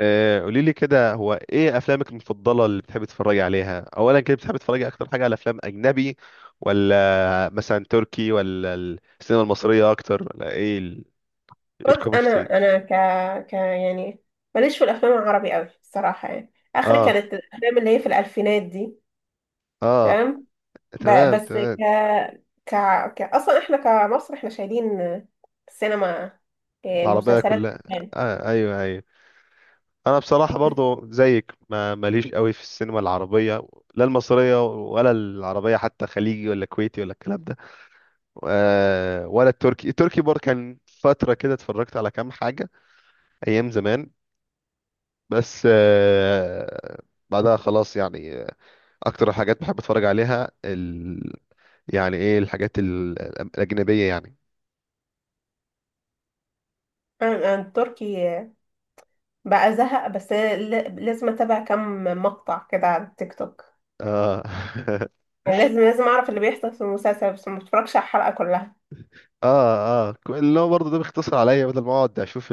آه، قولي لي كده، هو ايه افلامك المفضله اللي بتحبي تتفرجي عليها؟ اولا كده بتحبي تتفرجي اكتر حاجه على افلام اجنبي، ولا مثلا تركي، ولا السينما المصريه اكتر، ولا ايه ال-؟ إيه بص، الكوب اوف تي؟ انا انا ك ك يعني ماليش في الافلام العربي قوي الصراحه، يعني اخري اه كانت الافلام اللي هي في الالفينات دي. اه. تمام. ب... تمام بس ك... تمام. ك ك اصلا احنا كمصر احنا شايلين السينما، إيه، العربيه مسلسلات، كلها. أفلام. آه ايوه ايوه. انا بصراحه برضو زيك، ما ماليش قوي في السينما العربيه، لا المصريه ولا العربيه، حتى خليجي ولا كويتي ولا الكلام ده. آه ولا التركي، التركي برضه كان فتره كده اتفرجت على كام حاجه ايام زمان، بس بعدها خلاص يعني. اكتر حاجات بحب اتفرج عليها ال... يعني ايه الحاجات الاجنبيه يعني. انا التركي بقى زهق، بس لازم اتابع كم مقطع كده على التيك توك. اه. يعني لازم اعرف اللي بيحصل في المسلسل، بس ما بتفرجش على الحلقه كلها. اه اه، اللي هو برضه ده بيختصر عليا بدل ما اقعد اشوف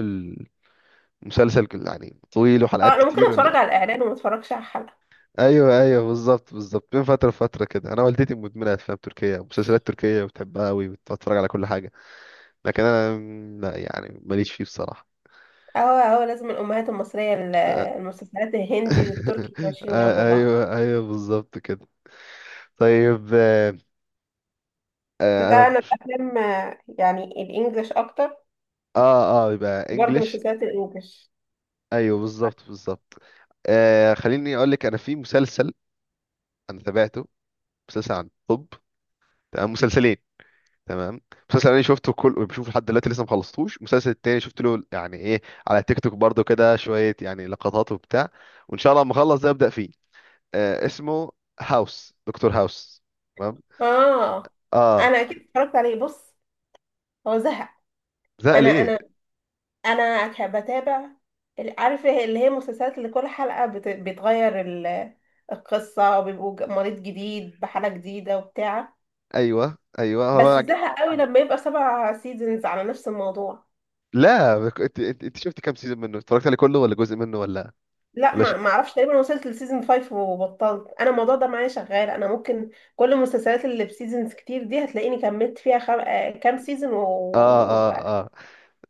المسلسل يعني طويل اه، وحلقات انا ممكن كتير ولا. اتفرج على الاعلان وما اتفرجش على الحلقه. ايوه ايوه بالظبط بالظبط. بين فتره وفتره كده، انا والدتي مدمنه افلام تركيه، مسلسلات تركيه، بتحبها قوي، بتتفرج على كل حاجه، لكن انا لا يعني ماليش فيه بصراحه. اه اه، لازم الامهات المصريه، المسلسلات الهندي والتركي ماشيين جنب بعض. ايوه ايوه بالظبط كده. طيب ده انا. انا الافلام يعني الانجليش اكتر، اه اه، يبقى برضه انجلش. مسلسلات الانجليش. ايوه بالظبط بالظبط. آه خليني اقول لك، انا في مسلسل انا تابعته، مسلسل عن الطب. تمام. مسلسلين. تمام. مسلسل انا شفته كل بشوفه لحد دلوقتي لسه ما خلصتوش، المسلسل التاني شفت له يعني ايه على تيك توك برضو كده شويه، يعني لقطات وبتاع، وان شاء الله لما اخلص ده ابدا فيه. آه اسمه هاوس، دكتور هاوس. تمام. اه، اه. انا اكيد اتفرجت عليه، بص هو زهق. ده انا ليه؟ انا بتابع عارفه اللي هي المسلسلات اللي كل حلقه بتغير القصه، وبيبقوا مريض جديد بحاله جديده وبتاع. ايوه ايوه بس هو. زهق قوي لما يبقى سبع سيزونز على نفس الموضوع. لا انت انت شفت كام سيزون منه؟ اتفرجت عليه كله ولا جزء منه ولا؟ لا، ولا ش... ما اعرفش، تقريبا وصلت لسيزون 5 وبطلت. انا الموضوع ده معايا شغال، انا ممكن كل المسلسلات اللي بسيزونز كتير دي هتلاقيني كملت فيها خم... آه، كام سيزون اه اه اه،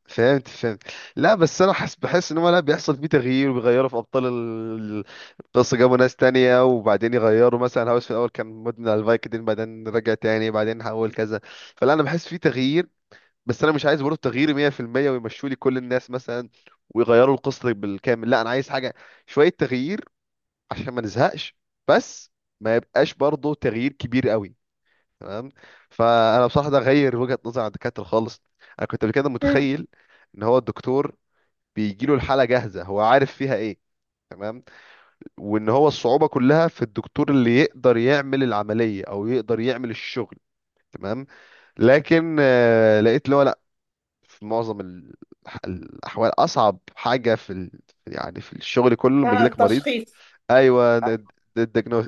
فهمت فهمت. لا بس انا حس بحس ان هو لا بيحصل فيه تغيير، وبيغيروا في ابطال القصه، جابوا ناس تانية وبعدين يغيروا، مثلا هاوس في الاول كان مدمن على الفايكدين، بعدين رجع تاني، بعدين حول كذا. فلا انا بحس فيه تغيير، بس انا مش عايز برضه تغيير 100%، ويمشوا لي كل الناس مثلا ويغيروا القصه بالكامل، لا انا عايز حاجه شويه تغيير عشان ما نزهقش، بس ما يبقاش برضه تغيير كبير قوي. تمام. فانا بصراحه ده غير وجهه نظري عن الدكاتره خالص. انا كنت قبل كده مم. متخيل ان هو الدكتور بيجي له الحاله جاهزه، هو عارف فيها ايه، تمام، وان هو الصعوبه كلها في الدكتور اللي يقدر يعمل العمليه او يقدر يعمل الشغل، تمام. لكن لقيت اللي هو لا، في معظم الاحوال اصعب حاجه في ال... يعني في الشغل كله لما يجي لك مريض. التشخيص. ايوه،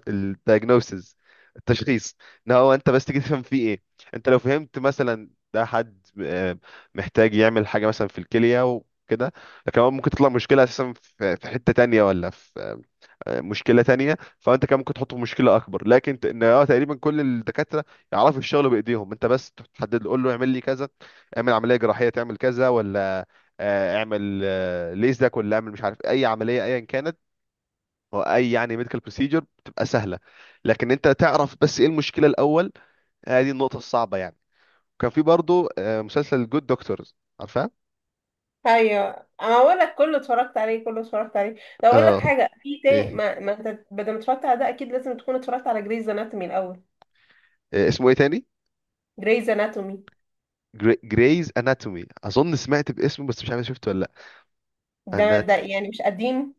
الدايجنوسيس، التشخيص. ان هو انت بس تيجي تفهم فيه ايه، انت لو فهمت مثلا ده حد محتاج يعمل حاجه مثلا في الكليه وكده، لكن هو ممكن تطلع مشكله اساسا في حته تانية ولا في مشكله تانية، فانت كان ممكن تحطه في مشكله اكبر. لكن ت- ان اه تقريبا كل الدكاتره يعرفوا الشغل بايديهم، انت بس تحدد له، قول له اعمل لي كذا، اعمل عمليه جراحيه، تعمل كذا ولا اعمل ليزك، ولا اعمل مش عارف اي عمليه ايا كانت. هو اي يعني ميديكال بروسيجر بتبقى سهله، لكن انت تعرف بس ايه المشكله الاول. هذه النقطه الصعبه يعني. كان في برضو مسلسل جود دكتورز، عارفاه. ايوه، انا اقول لك كله اتفرجت عليه، كله اتفرجت عليه. لو اقول لك اه. حاجه في تاني، ايه؟ ما انت بدل ما اتفرجت على ده اكيد لازم تكون اتفرجت على جريز اناتومي الاول. اسمه ايه تاني؟ جريز اناتومي. جريز اناتومي، اظن سمعت باسمه بس مش عارف شفته ولا لا. ده انات. ده يعني مش قديم،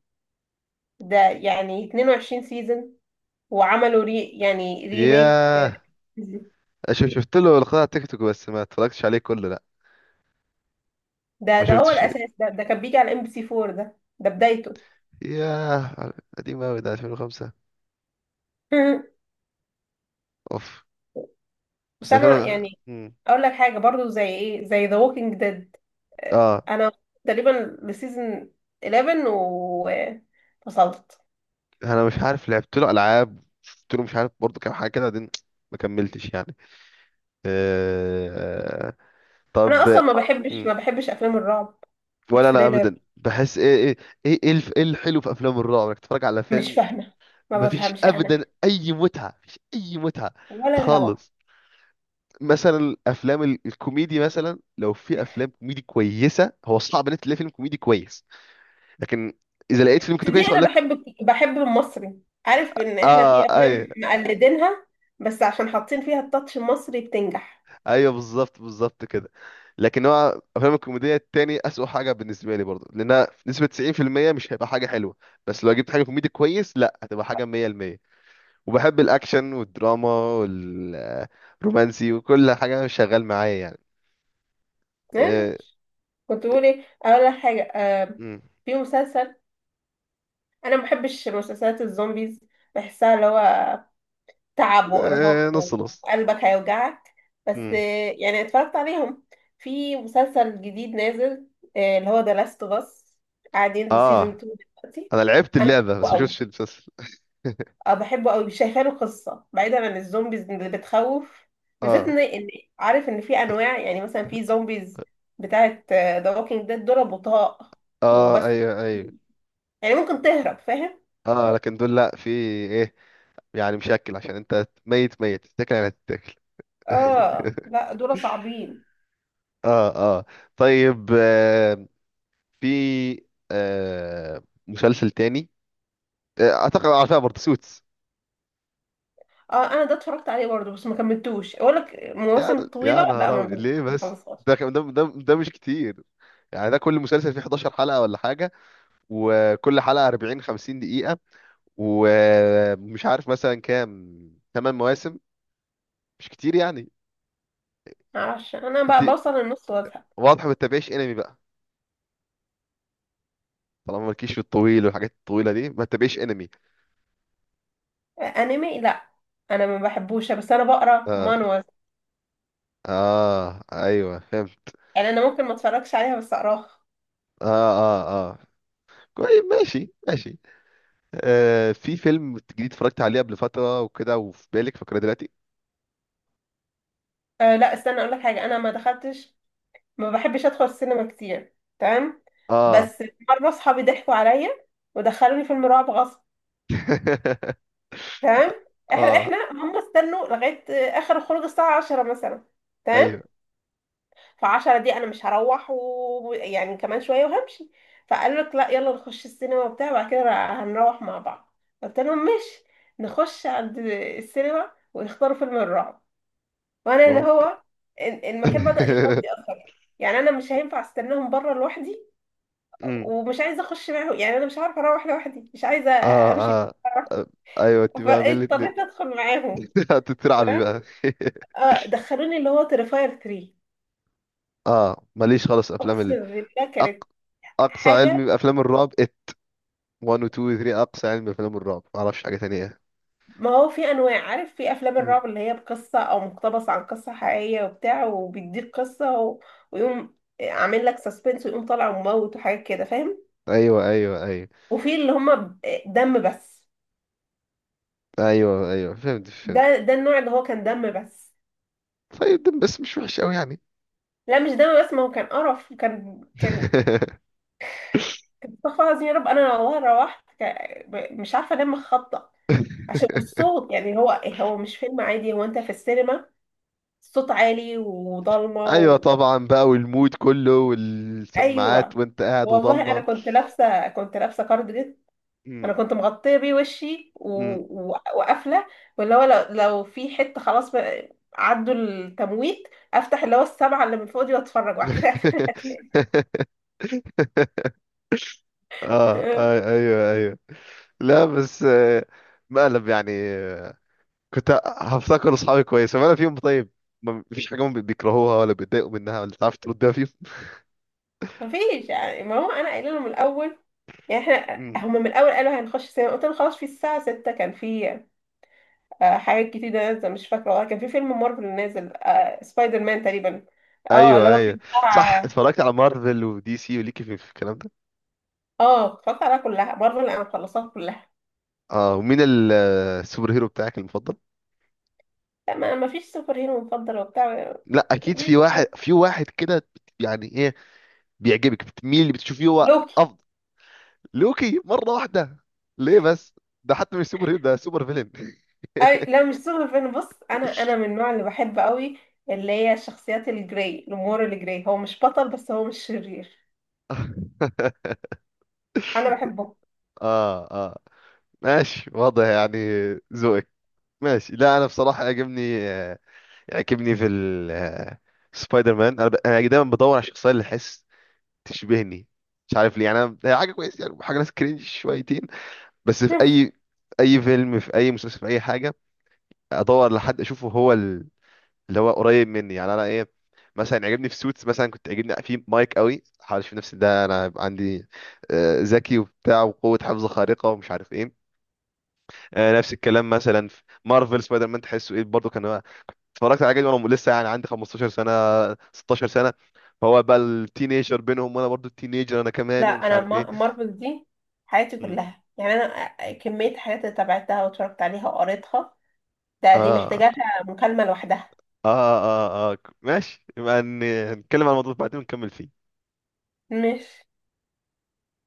ده يعني 22 سيزون وعملوا ري، يعني ريميك. ياه. شفت له لقاء على تيك توك بس ما اتفرجتش عليه كله لا. ده ما ده هو شفتش. الاساس، ده كان بيجي على ام بي سي 4، ده بدايته. ياه، قديم قوي ده 2005. اوف. بس بس انا 2000. يعني اقول لك حاجه برضو، زي ايه، زي ذا ووكينج ديد، اه. انا تقريبا لسيزون 11 وفصلت. انا مش عارف لعبت له العاب، شفت له مش عارف برضه كام حاجه كده، بعدين ما كملتش يعني. أه... انا اصلا طب. ما بحبش م، ما بحبش افلام الرعب، ولا انا الثريلر. ابدا، بحس ايه ايه ايه ايه إيه الحلو في افلام الرعب؟ انك تتفرج على مش فيلم فاهمه، ما مفيش بفهمش انا ابدا اي متعه، مفيش اي متعه ولا الهوا. خالص. مثلا الافلام الكوميدي، مثلا لو في افلام كوميدي كويسه، هو صعب ان انت تلاقي فيلم كوميدي كويس، لكن اذا لقيت فيلم في كوميدي دي كويس هقول انا لك. بحب بحب المصري، عارف ان احنا اه في افلام اي. مقلدينها، بس عشان حاطين فيها التاتش المصري بتنجح. ايوه بالظبط بالظبط كده. لكن هو افلام الكوميديا التاني اسوأ حاجه بالنسبه لي برضه، لانها نسبه 90% مش هيبقى حاجه حلوه، بس لو جبت حاجه كوميدي كويس لا هتبقى حاجه 100%. وبحب الاكشن والدراما والرومانسي وكل حاجه شغال معايا يعني. إيه. كنت بقول ايه، اقول لك حاجه، آه، مم. في مسلسل. انا ما بحبش مسلسلات الزومبيز، بحسها اللي هو تعب وارهاق إيه، نص نص. وقلبك هيوجعك، بس مم. يعني اتفرجت عليهم. في مسلسل جديد نازل آه، اللي هو ذا لاست اوف اس، قاعد ينزل سيزون اه 2 دلوقتي. انا لعبت انا اللعبه بس ما بحبه، شفتش المسلسل. اه بحبه قوي، شايفه له قصه بعيدا عن الزومبيز اللي بتخوف. بالذات اه ان عارف ان في انواع، يعني مثلا في زومبيز بتاعه ذا ووكينج ديد دول بطاء اه وبس، ايوه ايوه. يعني ممكن تهرب، فاهم. اه لكن دول لا، في ايه، يعني مشكل عشان انت ميت، ميت تتاكل يعني، هتتاكل. اه لا، دول صعبين. اه اه. طيب آه، في آه مسلسل تاني، آه اعتقد عارفها برضه، سوتس. اه، انا ده اتفرجت عليه برضه بس ما كملتوش، اقول لك يا المواسم يا الطويله لا نهار أبيض، ما ليه بس؟ بخلصهاش، ده مش كتير يعني. ده كل مسلسل فيه 11 حلقة ولا حاجة، وكل حلقة 40 50 دقيقة، ومش عارف مثلا كام، 8 مواسم، مش كتير يعني. معرفش انا بقى انت بوصل للنص وازهق. واضح ما بتتابعيش انمي بقى، طالما مالكيش في الطويل والحاجات الطويلة دي ما تتابعيش انمي. آه، انمي لا، انا ما بحبوش، بس انا بقرا اه مانوز، اه ايوه فهمت. يعني انا ممكن ما اتفرجش عليها بس اقراها. اه اه اه. طيب ماشي ماشي. آه في فيلم جديد اتفرجت عليه قبل فترة وكده، وفي بالك فاكرة دلوقتي؟ آه لا، استنى اقول لك حاجه، انا ما دخلتش، ما بحبش ادخل السينما كتير. تمام، اه. بس مره اصحابي ضحكوا عليا ودخلوني فيلم رعب غصب. تمام، احنا اه احنا هم استنوا لغايه آه، اخر الخروج الساعه 10 مثلا. تمام، ايوه. ف10 دي انا مش هروح، ويعني كمان شويه وهمشي. فقالوا لك لا، يلا نخش السينما وبتاع، بعد كده هنروح مع بعض. قلت لهم ماشي. نخش عند السينما ويختاروا فيلم الرعب، وانا اللي بابا. هو المكان بدأ يفضي اكتر. يعني انا مش هينفع استناهم بره لوحدي، أمم. ومش عايزه اخش معاهم، يعني انا مش عارفه اروح لوحدي، مش عايزه اه امشي. اه آه، ايوه، انت بقى من فاضطريت الاتنين. ادخل معاهم. هتترعبي تمام، بقى. اه دخلوني اللي هو تريفاير 3. اه ماليش خالص افلام اقسم ال... بالله أق... كانت اقصى حاجه. علمي بافلام الرعب ات 1 و 2 و 3، اقصى علمي بافلام الرعب، ما اعرفش حاجة تانية. ما هو في انواع، عارف، في افلام أمم. الرعب اللي هي بقصه او مقتبس عن قصه حقيقيه وبتاع، وبيديك قصه و... ويقوم عامل لك سسبنس ويقوم طالع وموت وحاجات كده فاهم. ايوه ايوه ايوه. وفي اللي هم دم بس. ايوه ايوه فهمت فهمت. ده النوع اللي هو كان دم بس. طيب ده بس مش وحش قوي يعني. لا مش دم بس، ما هو كان قرف، كان استغفر الله العظيم يا رب. انا لو روحت مش عارفه انام خبطه، عشان والصوت، يعني هو، هو مش فيلم عادي، هو انت في السينما، الصوت عالي وضلمه ايوه و... طبعا بقى، والمود كله والسماعات ايوه، وانت قاعد والله انا وضلمه. كنت لابسه كارديجان، م- انا كنت مغطيه بيه وشي م. وقافله. واللي هو لو في حته خلاص بقى، عدوا التمويت، افتح اللي هو السبعه اللي من فوق دي واتفرج وبعد كده أقفل. اه ايوه ايوه. لا بس مقلب يعني، كنت هفتكر اصحابي كويس، ولا فيهم طيب، ما فيش حاجه هم بيكرهوها ولا بيتضايقوا منها ولا تعرف تردها فيهم؟ مفيش يعني، ما هو انا قايله لهم من الاول، يعني م. احنا هم من الاول قالوا هنخش سينما، قلت لهم خلاص، في الساعه 6 كان في آه، حاجات كتير نازله مش فاكره والله، كان في فيلم مارفل نازل آه، سبايدر مان تقريبا، اه اللي ايوه هو ايوه. كان صح، بتاع. اتفرجت على مارفل ودي سي وليكي في الكلام ده. اه، اتفرجت عليها كلها، مارفل انا مخلصاها كلها. اه، ومين السوبر هيرو بتاعك المفضل؟ لا، ما فيش سوبر هيرو مفضل وبتاع. لا اكيد مفيش. في واحد، في واحد كده يعني ايه بيعجبك، بتميل اللي بتشوفيه هو لوكي. افضل. لوكي؟ مره واحده، ليه بس؟ ده حتى مش سوبر هيرو، ده سوبر فيلن. اي لا، مش سوبر هيرو، بص انا من النوع اللي بحب قوي اللي هي الشخصيات الجراي، الامور الجراي، هو مش بطل بس هو مش شرير، انا بحبه. اه اه ماشي، واضح يعني ذوقك. ماشي. لا انا بصراحه يعجبني آه، يعجبني في سبايدر مان. انا أنا دايما بدور على الشخصيه اللي احس تشبهني، مش عارف ليه، يعني هي حاجه كويسه يعني، حاجه ناس كرينج شويتين بس، في اي في اي فيلم، في اي مسلسل، في اي حاجه، ادور لحد اشوفه هو اللي هو قريب مني يعني، انا ايه. مثلا عجبني في سوتس مثلا، كنت عجبني في مايك قوي، حاول اشوف نفسي ده، انا هيبقى عندي ذكي وبتاع وقوه حفظ خارقه ومش عارف ايه. نفس الكلام مثلا في مارفل سبايدر مان، تحسه ايه برضه، كان هو اتفرجت على جدول وانا لسه يعني عندي 15 سنه، 16 سنه، فهو بقى التينيجر بينهم وانا برضو التينيجر انا لا كمان، ومش انا عارف ايه. مارفل دي حياتي م. كلها، يعني انا كميه حاجات اللي تابعتها واتفرجت عليها وقريتها، ده دي اه محتاجاها مكالمه لوحدها. اه اه اه، ماشي، يبقى نتكلم عن الموضوع بعدين ونكمل فيه. مش